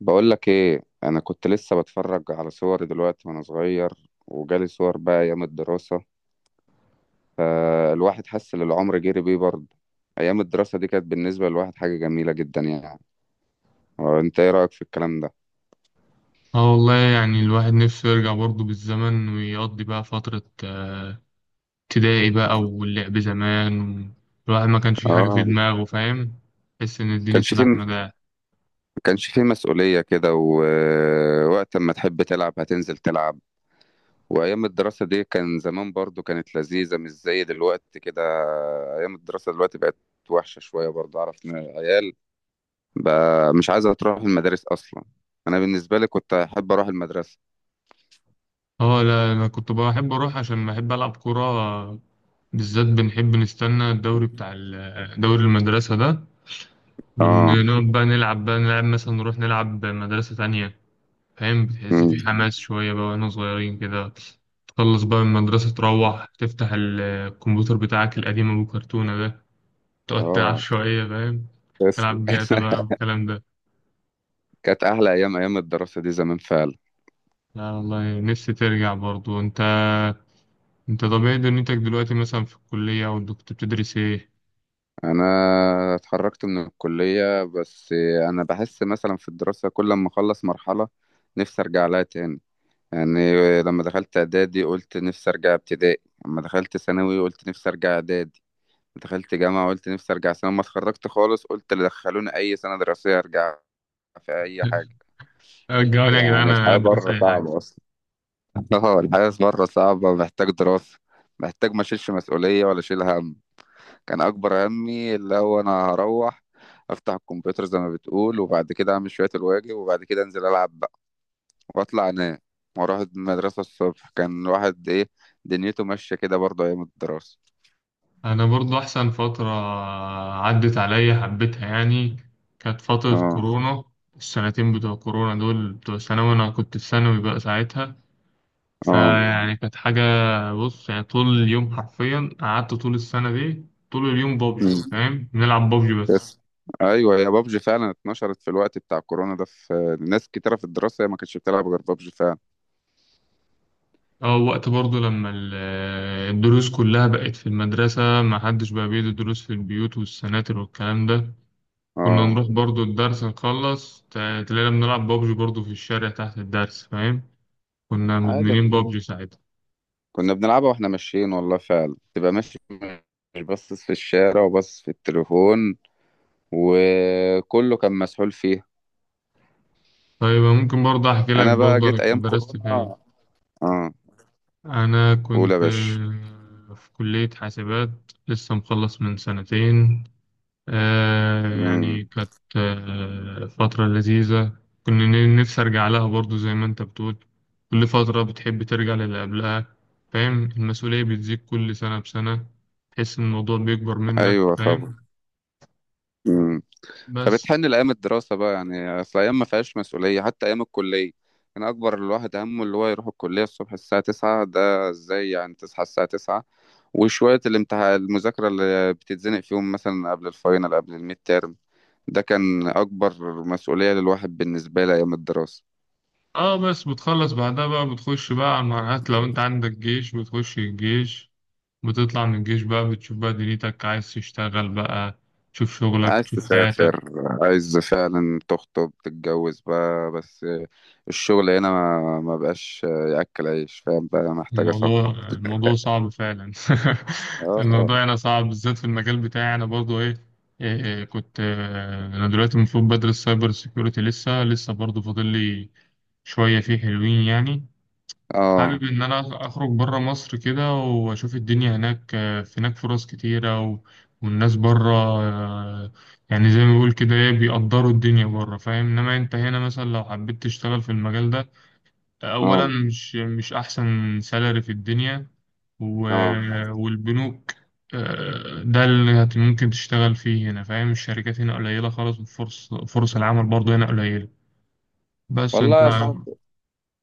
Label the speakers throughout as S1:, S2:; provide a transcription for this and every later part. S1: بقول لك ايه، انا كنت لسه بتفرج على صوري دلوقتي وانا صغير، وجالي صور بقى ايام الدراسة. الواحد حس ان العمر جري بيه برضه. ايام الدراسة دي كانت بالنسبة للواحد حاجة جميلة جدا يعني. هو انت ايه رأيك في الكلام ده؟
S2: اه والله يعني الواحد نفسه يرجع برضه بالزمن ويقضي بقى فترة ابتدائي بقى واللعب زمان الواحد ما كانش فيه حاجة في
S1: اه.
S2: دماغه فاهم. تحس إن الدنيا
S1: كانش فيه
S2: سلاحنا ده.
S1: كانش فيه مسؤولية كده، ووقت ما تحب تلعب هتنزل تلعب. وايام الدراسة دي كان زمان برضه كانت لذيذة، مش زي دلوقتي كده. ايام الدراسة دلوقتي بقت وحشة شوية برضه، اعرف إن عيال بقى مش عايزة تروح المدارس أصلا. أنا بالنسبة لي كنت أحب أروح المدرسة.
S2: اه لا أنا كنت بحب أروح عشان بحب ألعب كورة بالذات بنحب نستنى الدوري بتاع دوري المدرسة ده،
S1: آه.
S2: ونقعد بقى نلعب مثلا، نروح نلعب مدرسة تانية فاهم، بتحس
S1: مم.
S2: في حماس شوية بقى واحنا صغيرين كده. تخلص بقى من المدرسة تروح تفتح الكمبيوتر بتاعك القديم أبو كرتونة ده، تقعد تلعب
S1: آه.
S2: شوية فاهم،
S1: تسلم.
S2: تلعب جاتا بقى والكلام ده.
S1: كانت أحلى أيام أيام الدراسة دي زمان فعلا.
S2: لا والله نفسي ترجع برضو انت. انت طبيعي دنيتك دلوقتي مثلا في الكلية او انت كنت بتدرس ايه؟
S1: أنا اتخرجت من الكلية بس. أنا بحس مثلا في الدراسة كل ما أخلص مرحلة نفسي أرجع لها تاني، يعني لما دخلت إعدادي قلت نفسي أرجع ابتدائي، لما دخلت ثانوي قلت نفسي أرجع إعدادي، دخلت جامعة قلت نفسي أرجع ثانوي، لما اتخرجت خالص قلت اللي دخلوني أي سنة دراسية أرجع في أي حاجة.
S2: رجعوني يا جدعان
S1: يعني
S2: انا
S1: الحياة
S2: ادرس
S1: بره
S2: اي حاجة.
S1: صعبة أصلا. اه، الحياة بره صعبة، محتاج دراسة، محتاج ما أشيلش مسؤولية ولا أشيل هم. كان أكبر همي اللي هو أنا هروح أفتح الكمبيوتر زي ما بتقول، وبعد كده أعمل شوية الواجب، وبعد كده أنزل ألعب بقى، وأطلع أنام، وأروح المدرسة الصبح. كان واحد إيه، دنيته ماشية كده برضه أيام الدراسة.
S2: انا برضو احسن فترة عدت عليا حبيتها يعني، كانت فترة
S1: اه.
S2: كورونا. السنتين بتوع كورونا دول بتوع ثانوي، انا كنت في ثانوي بقى ساعتها،
S1: اه.
S2: فيعني كانت حاجة. بص يعني طول اليوم حرفيا، قعدت طول السنة دي طول اليوم بابجي
S1: مم.
S2: فاهم، بنلعب بابجي بس.
S1: بس. ايوه يا بابجي، فعلا اتنشرت في الوقت بتاع كورونا ده، في ناس كتيره في الدراسه هي ما كانتش بتلعب غير بابجي فعلا.
S2: اه وقت برضه لما الدروس كلها بقت في المدرسة، ما حدش بقى بيدي دروس في البيوت والسناتر والكلام ده. كنا
S1: اه.
S2: نروح برضه الدرس نخلص تلاقينا بنلعب بابجي برضه في الشارع تحت الدرس فاهم، كنا
S1: عادي،
S2: مدمنين بابجي ساعتها.
S1: كنا بنلعبها واحنا ماشيين والله، فعلا تبقى ماشي مش باصص في الشارع وباصص في التليفون، وكله كان مسحول فيها.
S2: طيب ممكن برضه أحكي لك
S1: انا بقى
S2: برضه أنا
S1: جيت
S2: كنت
S1: ايام
S2: درست
S1: كورونا.
S2: فين.
S1: اه.
S2: أنا
S1: قول يا
S2: كنت
S1: باشا.
S2: في كلية حاسبات، لسه مخلص من سنتين،
S1: امم.
S2: يعني كانت فترة لذيذة. كنا نفسي أرجع لها برضو زي ما أنت بتقول، كل فترة بتحب ترجع للي قبلها فاهم، المسؤولية بتزيد كل سنة بسنة، تحس إن الموضوع بيكبر منك
S1: ايوه طبعا.
S2: فاهم.
S1: امم.
S2: بس
S1: فبتحن لايام الدراسه بقى، يعني اصل ايام ما فيهاش مسؤوليه. حتى ايام الكليه كان اكبر الواحد همه اللي هو يروح الكليه الصبح الساعه 9. ده ازاي يعني تصحى الساعه 9؟ وشويه الامتحان، المذاكره اللي بتتزنق فيهم مثلا قبل الفاينل قبل الميد تيرم، ده كان أكبر مسؤولية للواحد بالنسبة لي أيام الدراسة.
S2: اه بس بتخلص بعدها بقى، بتخش بقى على المرحلات، لو انت عندك جيش بتخش الجيش، بتطلع من الجيش بقى بتشوف بقى دنيتك عايز تشتغل بقى، تشوف شغلك
S1: عايز
S2: تشوف حياتك.
S1: تسافر، عايز فعلا تخطب تتجوز بقى. بس الشغل هنا ما بقاش يأكل عيش فاهم، بقى محتاجة
S2: الموضوع
S1: سفر.
S2: الموضوع صعب فعلا.
S1: اه.
S2: الموضوع هنا صعب بالذات في المجال بتاعي، انا برضو ايه, إيه, إيه كنت انا دلوقتي المفروض بدرس سايبر سيكيورتي، لسه برضو فاضل لي شوية، فيه حلوين يعني.
S1: اه.
S2: حابب إن أنا أخرج برا مصر كده وأشوف الدنيا هناك، في هناك فرص كتيرة والناس برا، يعني زي ما بيقول كده إيه، بيقدروا الدنيا برا فاهم، إنما أنت هنا مثلا لو حبيت تشتغل في المجال ده، أولا
S1: اه.
S2: مش أحسن سالري في الدنيا و...
S1: اه
S2: والبنوك، ده اللي ممكن تشتغل فيه هنا فاهم، الشركات هنا قليلة خالص، وفرص العمل برضه هنا قليلة بس أنت.
S1: والله يا صاحبي،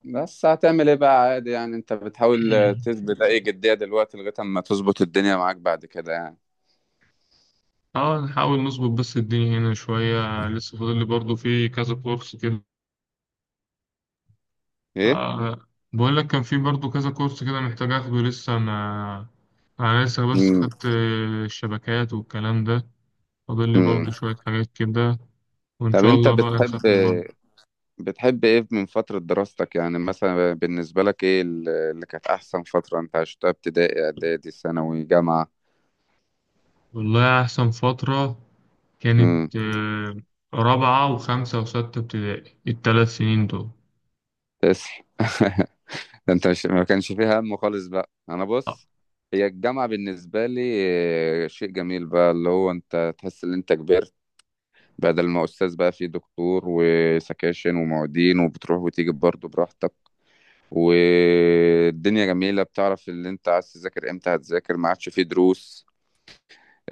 S1: بس هتعمل ايه بقى؟ عادي يعني، انت بتحاول تثبت اي جدية دلوقتي لغاية اما تظبط الدنيا معاك بعد كده يعني.
S2: اه نحاول نظبط بس الدنيا هنا شوية، لسه فاضل لي برضه في كذا كورس كده.
S1: ايه.
S2: آه بقول لك كان في برضه كذا كورس كده محتاج اخده لسه ما. انا لسه بس
S1: امم.
S2: خدت الشبكات والكلام ده، فاضل لي
S1: امم.
S2: برضه شوية حاجات كده، وان
S1: طب
S2: شاء
S1: انت
S2: الله بقى
S1: بتحب
S2: نسافر برضه.
S1: بتحب ايه من فترة دراستك يعني؟ مثلا بالنسبة لك ايه ال- اللي كانت احسن فترة انت عشتها؟ ابتدائي، اعدادي، ثانوي، جامعة؟
S2: والله احسن فترة
S1: امم.
S2: كانت رابعة وخمسة وستة ابتدائي، الثلاث سنين دول.
S1: تسلم. ده انت مش ما كانش فيها هم خالص بقى. انا بص، هي الجامعة بالنسبة لي شيء جميل بقى، اللي هو انت تحس ان انت كبرت، بدل ما استاذ بقى في دكتور وسكاشن ومعيدين، وبتروح وتيجي برضه براحتك، والدنيا جميلة، بتعرف اللي انت عايز تذاكر امتى هتذاكر، ما عادش فيه دروس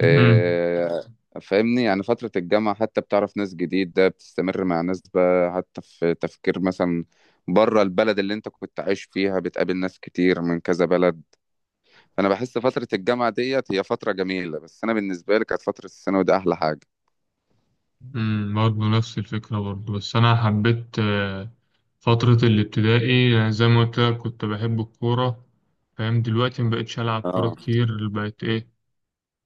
S1: فاهمني يعني. فترة الجامعة حتى بتعرف ناس جديدة، بتستمر مع ناس بقى، حتى في تفكير مثلا بره البلد اللي انت كنت عايش فيها، بتقابل ناس كتير من كذا بلد. فأنا بحس فترة الجامعة ديت هي فترة جميلة، بس أنا بالنسبة لي كانت فترة الثانوي دي أحلى حاجة.
S2: برضه نفس الفكرة برضه، بس أنا حبيت فترة الابتدائي، يعني زي ما قلت لك كنت بحب الكورة فاهم، دلوقتي مبقتش ألعب كورة
S1: اه.
S2: كتير، بقت إيه،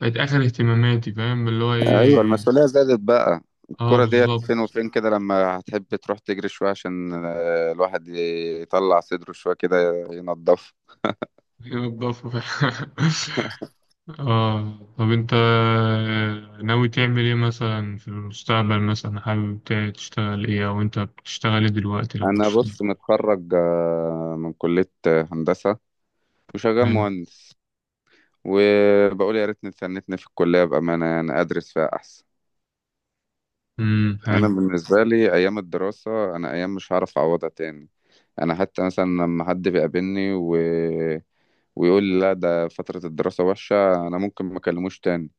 S2: بقت آخر اهتماماتي فاهم اللي هو
S1: ايوه،
S2: إيه.
S1: المسؤوليه زادت بقى.
S2: آه
S1: الكرة ديت فين
S2: بالظبط.
S1: وفين كده، لما هتحب تروح تجري شويه عشان الواحد يطلع صدره شويه كده، ينضف.
S2: هي الضفة فعلا. آه طب أنت ناوي تعمل إيه مثلا في المستقبل، مثلا حابب تشتغل إيه أو أنت بتشتغل إيه دلوقتي لو
S1: انا
S2: بتشتغل؟
S1: بص، متخرج من كليه هندسه، وشغال
S2: حلو.
S1: مهندس. وبقول يا ريتني اتسنتني في الكلية بأمانة، يعني أدرس فيها أحسن.
S2: حلو.
S1: أنا بالنسبة لي أيام الدراسة، أنا أيام مش هعرف أعوضها تاني. أنا حتى مثلا لما حد بيقابلني و... ويقول لي لا ده فترة الدراسة وحشة، أنا ممكن ما أكلموش تاني.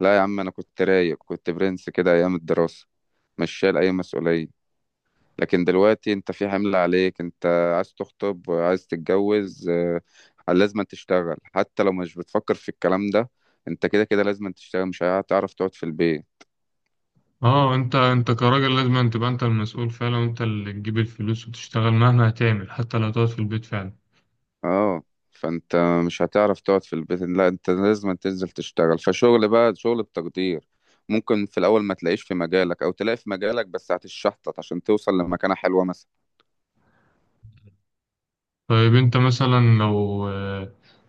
S1: لا يا عم، أنا كنت رايق، كنت برنس كده أيام الدراسة، مش شايل أي مسؤولية. لكن دلوقتي انت في حمل عليك. انت عايز تخطب، عايز تتجوز لازم تشتغل. حتى لو مش بتفكر في الكلام ده، انت كده كده لازم تشتغل، مش هتعرف تقعد في البيت.
S2: اه انت كراجل لازم أن تبقى انت المسؤول فعلا، وانت اللي تجيب الفلوس وتشتغل مهما هتعمل، حتى لو تقعد في البيت فعلا.
S1: اه. فانت مش هتعرف تقعد في البيت. لا، انت لازم تنزل تشتغل، فشغل بقى شغل بتقدير. ممكن في الاول ما تلاقيش في مجالك او تلاقي في مجالك، بس هتتشحطط عشان توصل لمكانة حلوة مثلا.
S2: طيب انت مثلا لو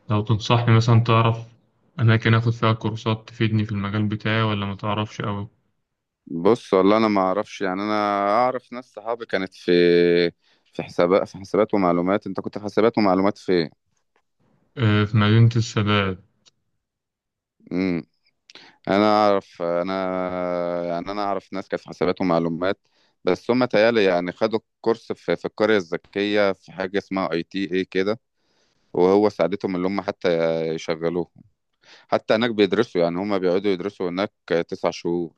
S2: لو تنصحني مثلا تعرف اماكن اخد فيها كورسات تفيدني في المجال بتاعي ولا ما تعرفش قوي؟
S1: بص والله، انا ما اعرفش يعني. انا اعرف ناس صحابي كانت في، في حسابات ومعلومات. انت كنت في حسابات ومعلومات في ايه؟
S2: في مدينة السادات.
S1: امم. انا اعرف، انا يعني، انا اعرف ناس كانت في حسابات ومعلومات، بس هم تهيألي يعني خدوا كورس في القرية الذكية، في حاجة اسمها اي تي اي كده. وهو ساعدتهم اللي هم حتى يشغلوه. حتى هناك بيدرسوا، يعني هم بيقعدوا يدرسوا هناك 9 شهور.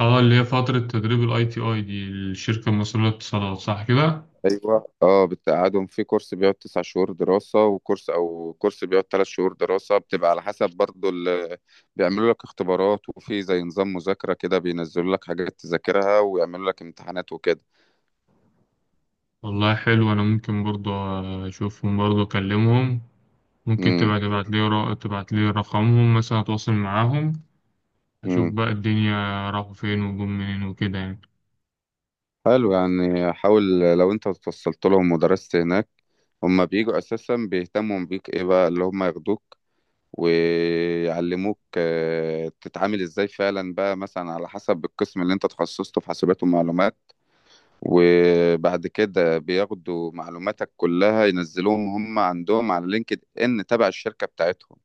S2: اه اللي هي فترة تدريب الاي تي اي دي الشركة المصرية للاتصالات صح كده؟
S1: ايوه اه، بتقعدهم في كورس بيقعد 9 شهور دراسه، وكورس او كورس بيقعد 3 شهور دراسه، بتبقى على حسب برضو ال... بيعملوا لك اختبارات، وفي زي نظام مذاكره كده، بينزلوا لك حاجات تذاكرها، ويعملوا لك امتحانات وكده.
S2: والله حلو، انا ممكن برضو اشوفهم برضو اكلمهم، ممكن
S1: امم.
S2: تبقى تبعت لي رقمهم مثلا اتواصل معاهم. أشوف
S1: امم.
S2: بقى الدنيا راحوا فين وجم منين وكده يعني.
S1: حلو يعني، حاول. لو انت اتوصلت لهم ودرست هناك، هما بيجوا اساسا بيهتموا بيك، ايه بقى اللي هما ياخدوك ويعلموك تتعامل ازاي فعلا بقى، مثلا على حسب القسم اللي انت تخصصته في حاسبات ومعلومات. وبعد كده بياخدوا معلوماتك كلها، ينزلوهم هم عندهم على لينكد ان تبع الشركة بتاعتهم،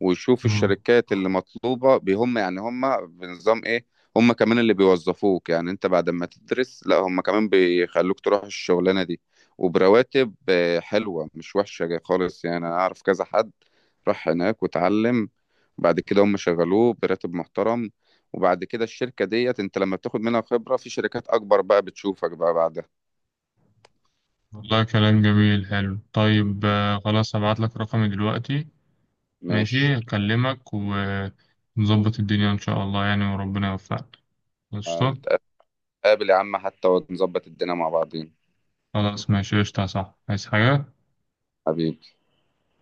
S1: ويشوف
S2: مم.
S1: الشركات اللي مطلوبة بهم، يعني هم بنظام ايه. هم كمان اللي بيوظفوك، يعني انت بعد ما تدرس لا، هم كمان بيخلوك تروح الشغلانة دي، وبرواتب حلوة، مش وحشة خالص. يعني انا اعرف كذا حد راح هناك واتعلم، بعد كده هم شغلوه براتب محترم. وبعد كده الشركة ديت انت لما بتاخد منها خبرة، في شركات اكبر بقى بتشوفك بقى بعدها.
S2: والله كلام جميل حلو، طيب، خلاص هبعت لك رقمي دلوقتي.
S1: ماشي.
S2: ماشي أكلمك ونظبط الدنيا إن شاء الله يعني، وربنا يوفقك. قشطة.
S1: هنتقابل يا عم حتى، ونظبط الدنيا مع بعضين.
S2: خلاص ماشي قشطة، صح عايز حاجة؟
S1: حبيبي.